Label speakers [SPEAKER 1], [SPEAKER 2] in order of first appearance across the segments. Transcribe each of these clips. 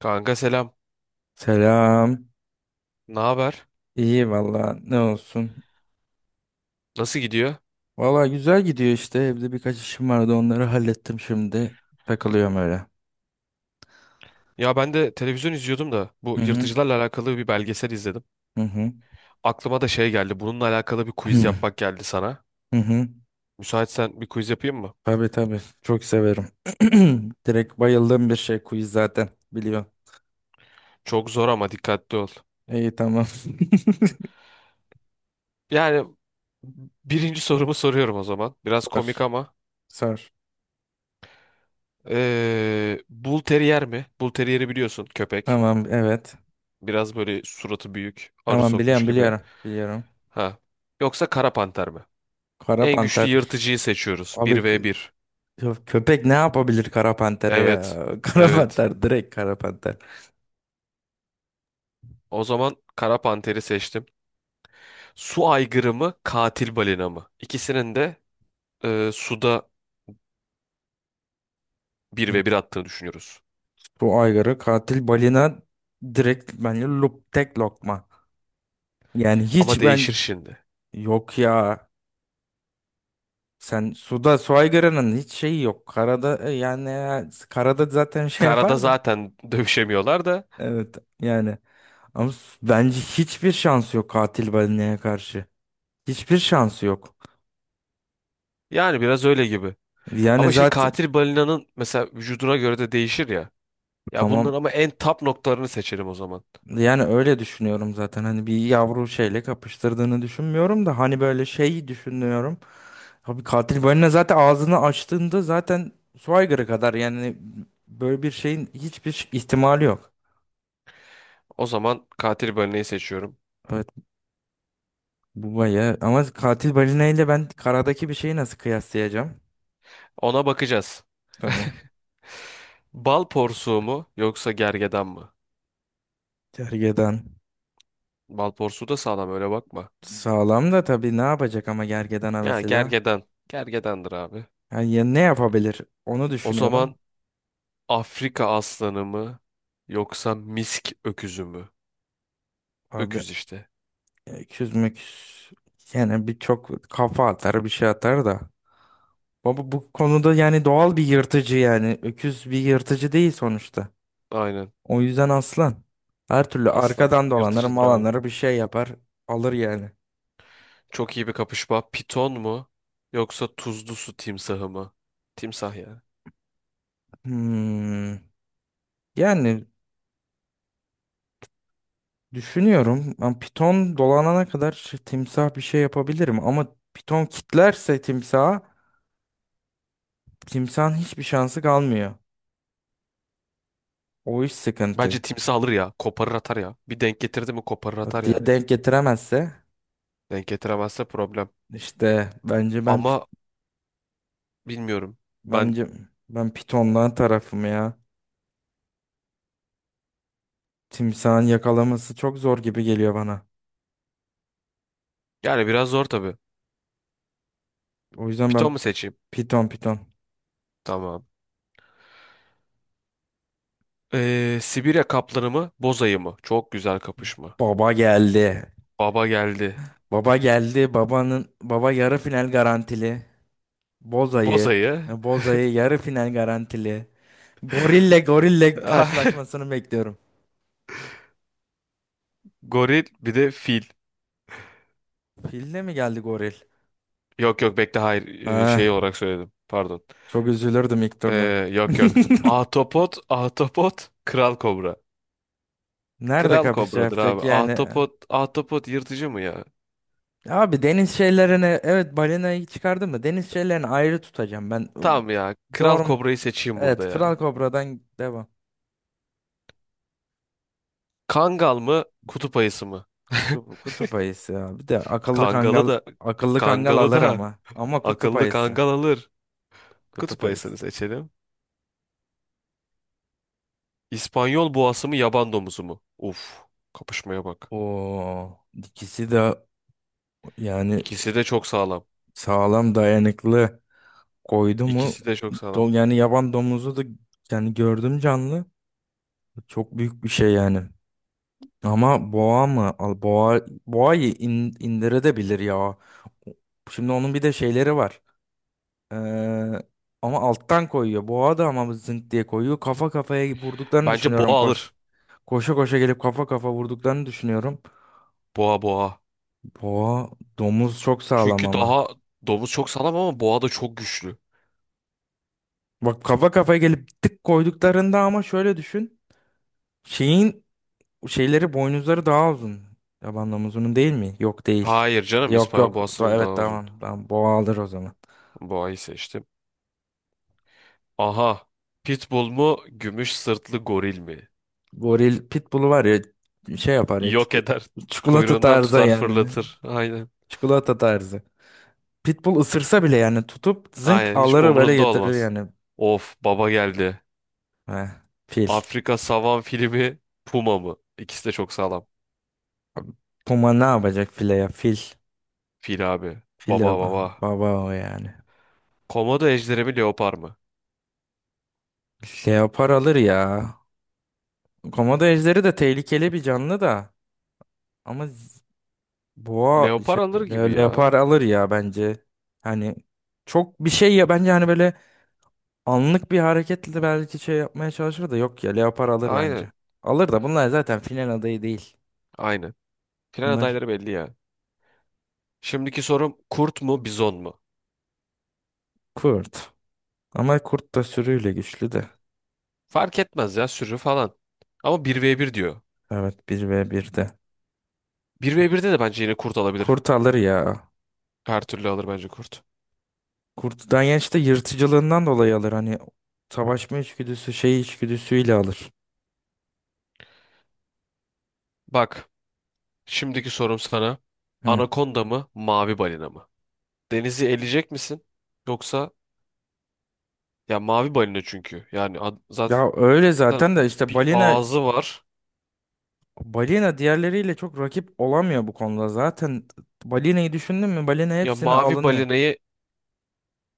[SPEAKER 1] Kanka selam.
[SPEAKER 2] Selam.
[SPEAKER 1] Ne haber?
[SPEAKER 2] İyi valla ne olsun.
[SPEAKER 1] Nasıl gidiyor?
[SPEAKER 2] Valla güzel gidiyor işte. Evde birkaç işim vardı onları hallettim şimdi. Takılıyorum öyle.
[SPEAKER 1] Ya ben de televizyon izliyordum da bu
[SPEAKER 2] Hı hı.
[SPEAKER 1] yırtıcılarla alakalı bir belgesel izledim.
[SPEAKER 2] Hı hı.
[SPEAKER 1] Aklıma da şey geldi. Bununla alakalı bir quiz
[SPEAKER 2] Hı
[SPEAKER 1] yapmak geldi sana.
[SPEAKER 2] hı. Hı.
[SPEAKER 1] Müsaitsen bir quiz yapayım mı?
[SPEAKER 2] Tabii tabii. Çok severim. Direkt bayıldığım bir şey quiz zaten. Biliyorum.
[SPEAKER 1] Çok zor ama dikkatli ol.
[SPEAKER 2] İyi tamam.
[SPEAKER 1] Yani birinci sorumu soruyorum o zaman. Biraz komik
[SPEAKER 2] Sor.
[SPEAKER 1] ama.
[SPEAKER 2] Sor.
[SPEAKER 1] Bull Terrier mi? Bull Terrier'i biliyorsun köpek.
[SPEAKER 2] Tamam evet.
[SPEAKER 1] Biraz böyle suratı büyük, arı
[SPEAKER 2] Tamam
[SPEAKER 1] sokmuş
[SPEAKER 2] biliyorum
[SPEAKER 1] gibi.
[SPEAKER 2] biliyorum. Biliyorum.
[SPEAKER 1] Ha. Yoksa Kara Panter mi?
[SPEAKER 2] Kara
[SPEAKER 1] En güçlü
[SPEAKER 2] panter.
[SPEAKER 1] yırtıcıyı seçiyoruz.
[SPEAKER 2] Abi
[SPEAKER 1] Bir v bir.
[SPEAKER 2] köpek ne yapabilir kara pantere
[SPEAKER 1] Evet.
[SPEAKER 2] ya? Kara
[SPEAKER 1] Evet.
[SPEAKER 2] panter direkt kara panter.
[SPEAKER 1] O zaman kara panteri seçtim. Su aygırı mı, katil balina mı? İkisinin de suda bir ve bir attığını düşünüyoruz.
[SPEAKER 2] Bu aygırı katil balina direkt bence lup tek lokma. Yani
[SPEAKER 1] Ama
[SPEAKER 2] hiç
[SPEAKER 1] değişir
[SPEAKER 2] ben
[SPEAKER 1] şimdi.
[SPEAKER 2] yok ya. Sen suda su aygırının hiç şeyi yok. Karada yani karada zaten şey
[SPEAKER 1] Karada
[SPEAKER 2] yapar da.
[SPEAKER 1] zaten dövüşemiyorlar da
[SPEAKER 2] Evet yani ama bence hiçbir şansı yok katil balinaya karşı. Hiçbir şansı yok.
[SPEAKER 1] yani biraz öyle gibi.
[SPEAKER 2] Yani
[SPEAKER 1] Ama şimdi
[SPEAKER 2] zaten
[SPEAKER 1] katil balinanın mesela vücuduna göre de değişir ya. Ya bunların
[SPEAKER 2] tamam
[SPEAKER 1] ama en top noktalarını seçelim o zaman.
[SPEAKER 2] yani öyle düşünüyorum zaten. Hani bir yavru şeyle kapıştırdığını düşünmüyorum da hani böyle şeyi düşünüyorum. Abi katil balina zaten ağzını açtığında zaten Schweiger'a kadar yani böyle bir şeyin hiçbir ihtimali yok.
[SPEAKER 1] O zaman katil balinayı seçiyorum.
[SPEAKER 2] Evet bu bayağı ama katil balina ile ben karadaki bir şeyi nasıl kıyaslayacağım?
[SPEAKER 1] Ona bakacağız.
[SPEAKER 2] Tamam.
[SPEAKER 1] Bal porsuğu mu yoksa gergedan mı?
[SPEAKER 2] Gergedan.
[SPEAKER 1] Bal porsuğu da sağlam öyle bakma.
[SPEAKER 2] Sağlam da tabii ne yapacak ama gergedana
[SPEAKER 1] Yani
[SPEAKER 2] mesela?
[SPEAKER 1] gergedan. Gergedandır abi.
[SPEAKER 2] Yani ya ne yapabilir? Onu
[SPEAKER 1] O
[SPEAKER 2] düşünüyorum.
[SPEAKER 1] zaman Afrika aslanı mı yoksa misk öküzü mü?
[SPEAKER 2] Abi
[SPEAKER 1] Öküz işte.
[SPEAKER 2] öküz müküz yani bir çok kafa atar bir şey atar da. Baba bu konuda yani doğal bir yırtıcı yani. Öküz bir yırtıcı değil sonuçta.
[SPEAKER 1] Aynen.
[SPEAKER 2] O yüzden aslan. Her türlü
[SPEAKER 1] Aslan.
[SPEAKER 2] arkadan dolanır
[SPEAKER 1] Yırtıcıdır abi.
[SPEAKER 2] malanır bir şey yapar. Alır yani.
[SPEAKER 1] Çok iyi bir kapışma. Piton mu yoksa tuzlu su timsahı mı? Timsah yani.
[SPEAKER 2] Hmm. Yani düşünüyorum. Ben piton dolanana kadar timsah bir şey yapabilirim. Ama piton kitlerse timsaha timsahın hiçbir şansı kalmıyor. O iş
[SPEAKER 1] Bence
[SPEAKER 2] sıkıntı.
[SPEAKER 1] timsah alır ya. Koparır atar ya. Bir denk getirdi mi koparır
[SPEAKER 2] O
[SPEAKER 1] atar
[SPEAKER 2] diye
[SPEAKER 1] yani.
[SPEAKER 2] denk getiremezse
[SPEAKER 1] Denk getiremezse problem.
[SPEAKER 2] işte
[SPEAKER 1] Ama bilmiyorum. Ben
[SPEAKER 2] bence ben pitondan tarafım ya. Timsahın yakalaması çok zor gibi geliyor bana.
[SPEAKER 1] yani biraz zor tabii.
[SPEAKER 2] O yüzden
[SPEAKER 1] Piton
[SPEAKER 2] ben
[SPEAKER 1] mu seçeyim?
[SPEAKER 2] piton piton.
[SPEAKER 1] Tamam. Sibirya kaplanı mı? Boz ayı mı? Çok güzel kapışma.
[SPEAKER 2] Baba geldi.
[SPEAKER 1] Baba geldi.
[SPEAKER 2] Baba geldi. Babanın baba yarı final garantili.
[SPEAKER 1] Boz
[SPEAKER 2] Boza'yı,
[SPEAKER 1] ayı.
[SPEAKER 2] Boza'yı yarı final garantili. Gorille gorille karşılaşmasını bekliyorum.
[SPEAKER 1] Goril bir de fil.
[SPEAKER 2] Filde mi geldi goril?
[SPEAKER 1] Yok yok bekle hayır
[SPEAKER 2] Ha,
[SPEAKER 1] şey olarak söyledim. Pardon.
[SPEAKER 2] çok üzülürdüm ilk turda.
[SPEAKER 1] Ee, yok yok. Ahtapot, kral kobra.
[SPEAKER 2] Nerede
[SPEAKER 1] Kral
[SPEAKER 2] kapışa
[SPEAKER 1] kobradır
[SPEAKER 2] yapacak
[SPEAKER 1] abi.
[SPEAKER 2] yani?
[SPEAKER 1] Ahtapot yırtıcı mı ya?
[SPEAKER 2] Abi deniz şeylerini evet balinayı çıkardım mı? Deniz şeylerini ayrı tutacağım ben.
[SPEAKER 1] Tamam ya. Kral
[SPEAKER 2] Doğru mu?
[SPEAKER 1] kobrayı seçeyim burada
[SPEAKER 2] Evet
[SPEAKER 1] ya.
[SPEAKER 2] Kral Kobra'dan devam.
[SPEAKER 1] Kangal mı, kutup ayısı mı?
[SPEAKER 2] Kutup ayısı ya. Bir de akıllı
[SPEAKER 1] Kangalı
[SPEAKER 2] kangal
[SPEAKER 1] da
[SPEAKER 2] akıllı kangal
[SPEAKER 1] Kangalı
[SPEAKER 2] alır
[SPEAKER 1] da
[SPEAKER 2] ama. Ama kutup
[SPEAKER 1] akıllı
[SPEAKER 2] ayısı.
[SPEAKER 1] kangal alır.
[SPEAKER 2] Kutup
[SPEAKER 1] Kutup ayısını
[SPEAKER 2] ayısı.
[SPEAKER 1] seçelim. İspanyol boğası mı yaban domuzu mu? Uf, kapışmaya bak.
[SPEAKER 2] Oo, ikisi de yani
[SPEAKER 1] İkisi de çok sağlam.
[SPEAKER 2] sağlam dayanıklı koydu mu
[SPEAKER 1] İkisi de çok sağlam.
[SPEAKER 2] yani yaban domuzu da yani gördüm canlı. Çok büyük bir şey yani. Ama boğa mı? Al boğa boğayı indirebilir ya. Şimdi onun bir de şeyleri var. Ee, ama alttan koyuyor. Boğa da ama zınt diye koyuyor. Kafa kafaya vurduklarını
[SPEAKER 1] Bence
[SPEAKER 2] düşünüyorum
[SPEAKER 1] boğa
[SPEAKER 2] koş.
[SPEAKER 1] alır.
[SPEAKER 2] Koşa koşa gelip kafa kafa vurduklarını düşünüyorum.
[SPEAKER 1] Boğa.
[SPEAKER 2] Boğa domuz çok sağlam
[SPEAKER 1] Çünkü
[SPEAKER 2] ama.
[SPEAKER 1] daha domuz çok sağlam ama boğa da çok güçlü.
[SPEAKER 2] Bak kafa kafaya gelip tık koyduklarında ama şöyle düşün. Şeyin şeyleri boynuzları daha uzun. Yaban domuzunun değil mi? Yok değil.
[SPEAKER 1] Hayır canım
[SPEAKER 2] Yok
[SPEAKER 1] İspanyol
[SPEAKER 2] yok.
[SPEAKER 1] boğasının daha
[SPEAKER 2] Evet
[SPEAKER 1] uzun.
[SPEAKER 2] tamam. Tamam boğa alır o zaman.
[SPEAKER 1] Boğayı seçtim. Aha. Pitbull mu gümüş sırtlı goril mi?
[SPEAKER 2] Goril pitbull'u var ya şey yapar ya
[SPEAKER 1] Yok eder.
[SPEAKER 2] çikolata
[SPEAKER 1] Kuyruğundan
[SPEAKER 2] tarzı
[SPEAKER 1] tutar
[SPEAKER 2] yani.
[SPEAKER 1] fırlatır. Aynen.
[SPEAKER 2] Çikolata tarzı. Pitbull ısırsa bile yani tutup zınk
[SPEAKER 1] Aynen hiç
[SPEAKER 2] alır böyle
[SPEAKER 1] umurunda
[SPEAKER 2] yatırır
[SPEAKER 1] olmaz.
[SPEAKER 2] yani.
[SPEAKER 1] Of baba geldi.
[SPEAKER 2] Heh, fil.
[SPEAKER 1] Afrika savan fili mi puma mı? İkisi de çok sağlam.
[SPEAKER 2] Puma ne yapacak file ya fil.
[SPEAKER 1] Fil abi.
[SPEAKER 2] Fil
[SPEAKER 1] Baba
[SPEAKER 2] baba,
[SPEAKER 1] baba.
[SPEAKER 2] baba o yani.
[SPEAKER 1] Komodo ejderi mi leopar mı?
[SPEAKER 2] Leopar alır ya. Komodo ejderi de tehlikeli bir canlı da. Ama boğa
[SPEAKER 1] Leopar
[SPEAKER 2] şey,
[SPEAKER 1] alır gibi
[SPEAKER 2] leopar
[SPEAKER 1] ya.
[SPEAKER 2] alır ya bence. Hani çok bir şey ya bence hani böyle anlık bir hareketle de belki şey yapmaya çalışır da yok ya leopar alır
[SPEAKER 1] Aynen.
[SPEAKER 2] bence. Alır da bunlar zaten final adayı değil.
[SPEAKER 1] Aynen. Final
[SPEAKER 2] Bunlar
[SPEAKER 1] adayları belli ya. Şimdiki sorum kurt mu bizon mu?
[SPEAKER 2] kurt. Ama kurt da sürüyle güçlü de.
[SPEAKER 1] Fark etmez ya sürü falan. Ama bir ve bir diyor.
[SPEAKER 2] Evet bir ve bir de
[SPEAKER 1] Bir ve 1'de de bence yine kurt alabilir.
[SPEAKER 2] Kurt alır ya.
[SPEAKER 1] Her türlü alır bence kurt.
[SPEAKER 2] Kurt Danyenç de yırtıcılığından dolayı alır. Hani savaşma içgüdüsü, şey içgüdüsüyle alır.
[SPEAKER 1] Bak şimdiki sorum sana.
[SPEAKER 2] Hı.
[SPEAKER 1] Anakonda mı mavi balina mı? Denizi eleyecek misin? Yoksa ya mavi balina çünkü. Yani ad- zaten
[SPEAKER 2] Ya öyle zaten de işte
[SPEAKER 1] bir
[SPEAKER 2] balina
[SPEAKER 1] ağzı var.
[SPEAKER 2] balina diğerleriyle çok rakip olamıyor bu konuda. Zaten balinayı düşündün mü? Balina
[SPEAKER 1] Ya
[SPEAKER 2] hepsini
[SPEAKER 1] mavi
[SPEAKER 2] alınıyor.
[SPEAKER 1] balinayı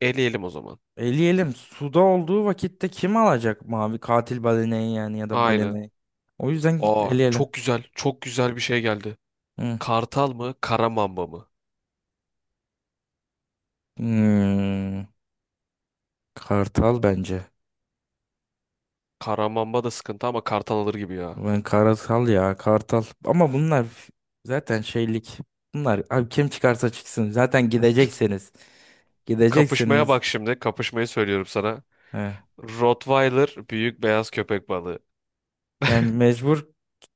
[SPEAKER 1] eleyelim o zaman.
[SPEAKER 2] Eleyelim. Suda olduğu vakitte kim alacak mavi katil balinayı yani ya da
[SPEAKER 1] Aynen.
[SPEAKER 2] balinayı? O yüzden
[SPEAKER 1] Aa
[SPEAKER 2] eleyelim.
[SPEAKER 1] çok güzel çok güzel bir şey geldi.
[SPEAKER 2] Hı.
[SPEAKER 1] Kartal mı kara mamba mı?
[SPEAKER 2] Hmm. Kartal bence.
[SPEAKER 1] Karamamba da sıkıntı ama kartal alır gibi ya.
[SPEAKER 2] Ben kartal ya kartal. Ama bunlar zaten şeylik. Bunlar abi kim çıkarsa çıksın. Zaten gideceksiniz.
[SPEAKER 1] Kapışmaya
[SPEAKER 2] Gideceksiniz.
[SPEAKER 1] bak şimdi. Kapışmayı söylüyorum sana.
[SPEAKER 2] He.
[SPEAKER 1] Rottweiler büyük beyaz köpek balığı.
[SPEAKER 2] Yani mecbur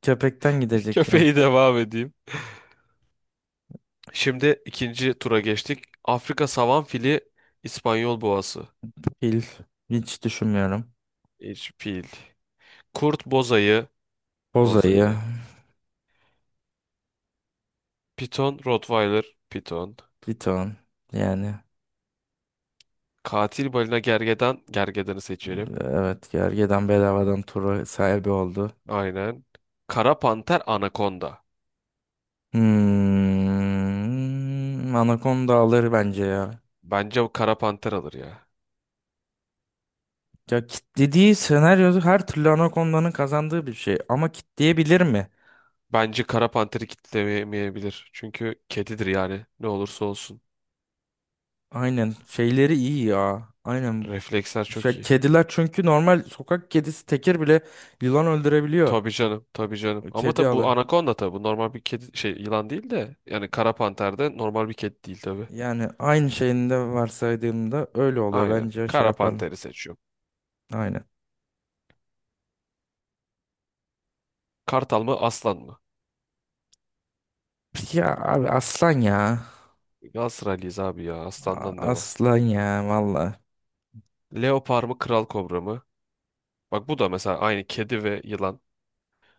[SPEAKER 2] köpekten gidecek yani.
[SPEAKER 1] Köpeği devam edeyim. Şimdi ikinci tura geçtik. Afrika savan fili, İspanyol boğası.
[SPEAKER 2] Fil hiç düşünmüyorum.
[SPEAKER 1] Hiç fil. Kurt bozayı,
[SPEAKER 2] Bozayı,
[SPEAKER 1] bozayı. Piton, Rottweiler, piton.
[SPEAKER 2] piton. Yani
[SPEAKER 1] Katil balina gergedan, gergedanı seçelim.
[SPEAKER 2] evet gergedan bedavadan turu sahibi oldu.
[SPEAKER 1] Aynen. Kara panter, anakonda.
[SPEAKER 2] Hmm, Anaconda alır bence ya.
[SPEAKER 1] Bence bu kara panter alır ya.
[SPEAKER 2] Ya kitlediği senaryoda her türlü Anaconda'nın kazandığı bir şey. Ama kitleyebilir mi?
[SPEAKER 1] Bence kara panteri kitlemeyebilir. Çünkü kedidir yani. Ne olursa olsun.
[SPEAKER 2] Aynen şeyleri iyi ya. Aynen.
[SPEAKER 1] Refleksler çok
[SPEAKER 2] Şey,
[SPEAKER 1] iyi.
[SPEAKER 2] kediler çünkü normal sokak kedisi tekir bile yılan öldürebiliyor.
[SPEAKER 1] Tabii canım, tabii canım. Ama
[SPEAKER 2] Kedi
[SPEAKER 1] tabii bu
[SPEAKER 2] alır.
[SPEAKER 1] anakonda tabii. Bu normal bir kedi şey yılan değil de yani kara panter de normal bir kedi değil tabii.
[SPEAKER 2] Yani aynı şeyinde varsaydığımda öyle oluyor.
[SPEAKER 1] Aynen.
[SPEAKER 2] Bence şey
[SPEAKER 1] Kara
[SPEAKER 2] yaparlar.
[SPEAKER 1] panteri seçiyorum.
[SPEAKER 2] Aynen.
[SPEAKER 1] Kartal mı, aslan mı?
[SPEAKER 2] Ya abi aslan ya.
[SPEAKER 1] Galatasaraylıyız abi ya. Aslandan devam.
[SPEAKER 2] Aslan ya valla.
[SPEAKER 1] Leopar mı, kral kobra mı? Bak bu da mesela aynı kedi ve yılan.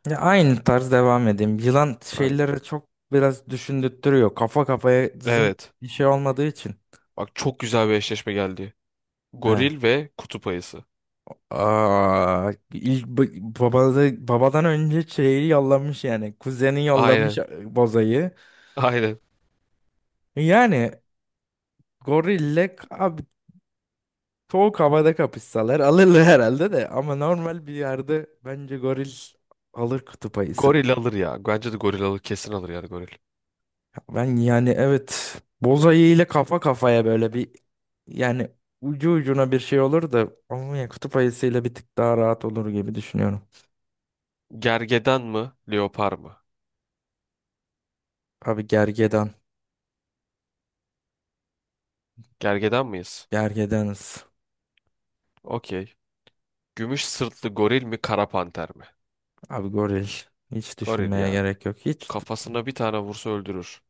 [SPEAKER 2] Ya aynı tarz devam edeyim. Yılan
[SPEAKER 1] Aynen.
[SPEAKER 2] şeyleri çok biraz düşündürtüyor. Kafa kafaya zın
[SPEAKER 1] Evet.
[SPEAKER 2] bir şey olmadığı için.
[SPEAKER 1] Bak çok güzel bir eşleşme geldi.
[SPEAKER 2] He.
[SPEAKER 1] Goril ve kutup ayısı.
[SPEAKER 2] Aa, ilk babada, babadan önce şeyi yollamış yani. Kuzeni yollamış
[SPEAKER 1] Aynen.
[SPEAKER 2] e, bozayı.
[SPEAKER 1] Aynen.
[SPEAKER 2] Yani gorille abi soğuk havada kapışsalar alırlar herhalde de. Ama normal bir yerde bence goril alır kutup ayısını.
[SPEAKER 1] Goril alır ya. Bence de goril alır. Kesin alır yani goril.
[SPEAKER 2] Ben yani evet bozayı ile kafa kafaya böyle bir yani ucu ucuna bir şey olur da ama ya kutup ayısıyla bir tık daha rahat olur gibi düşünüyorum.
[SPEAKER 1] Gergedan mı? Leopar mı?
[SPEAKER 2] Abi gergedan.
[SPEAKER 1] Gergedan mıyız?
[SPEAKER 2] Gergedanız.
[SPEAKER 1] Okey. Gümüş sırtlı goril mi? Kara panter mi?
[SPEAKER 2] Abi goril hiç
[SPEAKER 1] Goril
[SPEAKER 2] düşünmeye
[SPEAKER 1] ya.
[SPEAKER 2] gerek yok. Hiç
[SPEAKER 1] Kafasına bir tane vursa öldürür.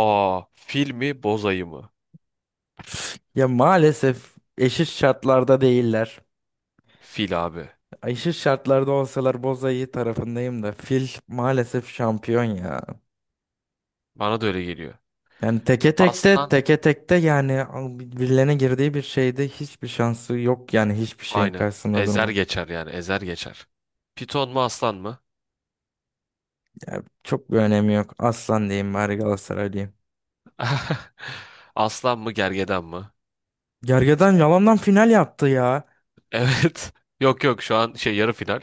[SPEAKER 1] Aa, fil mi? Boz ayı mı?
[SPEAKER 2] ya maalesef eşit şartlarda değiller.
[SPEAKER 1] Fil abi.
[SPEAKER 2] Eşit şartlarda olsalar Bozayı tarafındayım da fil maalesef şampiyon ya.
[SPEAKER 1] Bana da öyle geliyor.
[SPEAKER 2] Yani teke tekte
[SPEAKER 1] Aslan
[SPEAKER 2] teke tekte yani birilerine girdiği bir şeyde hiçbir şansı yok yani hiçbir şeyin
[SPEAKER 1] aynen.
[SPEAKER 2] karşısında
[SPEAKER 1] Ezer
[SPEAKER 2] durma.
[SPEAKER 1] geçer yani. Ezer geçer. Piton mu aslan mı?
[SPEAKER 2] Ya çok bir önemi yok. Aslan diyeyim bari Galatasaray diyeyim.
[SPEAKER 1] Aslan mı gergedan mı?
[SPEAKER 2] Gergedan yalandan final yaptı ya.
[SPEAKER 1] Evet. Yok yok şu an şey yarı final.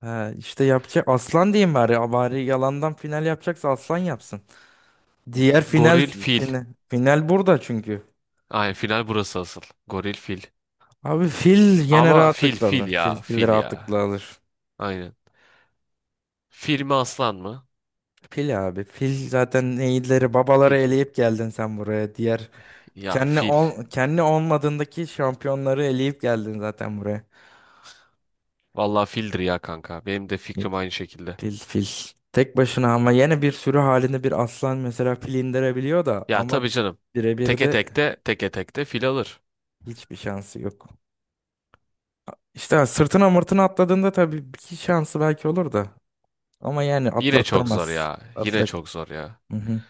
[SPEAKER 2] Ha, işte yapacak aslan diyeyim bari. Bari yalandan final yapacaksa aslan yapsın. Diğer final
[SPEAKER 1] Goril fil.
[SPEAKER 2] final, final burada çünkü.
[SPEAKER 1] Aynen final burası asıl. Goril fil.
[SPEAKER 2] Abi fil yine
[SPEAKER 1] Ama fil
[SPEAKER 2] rahatlıkla
[SPEAKER 1] fil
[SPEAKER 2] alır. Fil,
[SPEAKER 1] ya
[SPEAKER 2] fil
[SPEAKER 1] fil ya.
[SPEAKER 2] rahatlıkla alır.
[SPEAKER 1] Aynen. Fil mi aslan mı?
[SPEAKER 2] Fil abi. Fil zaten iyileri babaları
[SPEAKER 1] Fil.
[SPEAKER 2] eleyip geldin sen buraya. Diğer
[SPEAKER 1] Ya fil.
[SPEAKER 2] kendi olmadığındaki şampiyonları eleyip geldin zaten buraya.
[SPEAKER 1] Vallahi fildir ya kanka. Benim de fikrim aynı şekilde.
[SPEAKER 2] Fil fil. Tek başına ama yine bir sürü halinde bir aslan mesela fil indirebiliyor da
[SPEAKER 1] Ya
[SPEAKER 2] ama
[SPEAKER 1] tabii canım.
[SPEAKER 2] birebir
[SPEAKER 1] Teke
[SPEAKER 2] de
[SPEAKER 1] tekte teke tekte fil alır.
[SPEAKER 2] hiçbir şansı yok. İşte sırtına mırtına atladığında tabii bir iki şansı belki olur da. Ama yani
[SPEAKER 1] Yine çok zor
[SPEAKER 2] atlattırmaz.
[SPEAKER 1] ya. Yine
[SPEAKER 2] Atla.
[SPEAKER 1] çok zor ya.
[SPEAKER 2] Hı hı.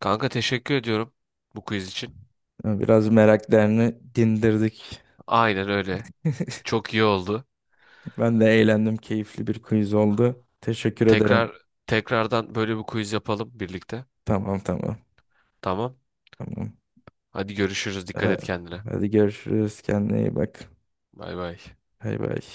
[SPEAKER 1] Kanka teşekkür ediyorum bu quiz için.
[SPEAKER 2] Yani biraz meraklarını dindirdik.
[SPEAKER 1] Aynen öyle. Çok iyi oldu.
[SPEAKER 2] Ben de eğlendim. Keyifli bir quiz oldu. Teşekkür ederim.
[SPEAKER 1] Tekrar tekrardan böyle bir quiz yapalım birlikte.
[SPEAKER 2] Tamam tamam.
[SPEAKER 1] Tamam.
[SPEAKER 2] Tamam.
[SPEAKER 1] Hadi görüşürüz. Dikkat
[SPEAKER 2] Ee,
[SPEAKER 1] et kendine.
[SPEAKER 2] hadi görüşürüz. Kendine iyi bak.
[SPEAKER 1] Bay bay.
[SPEAKER 2] Bay bay.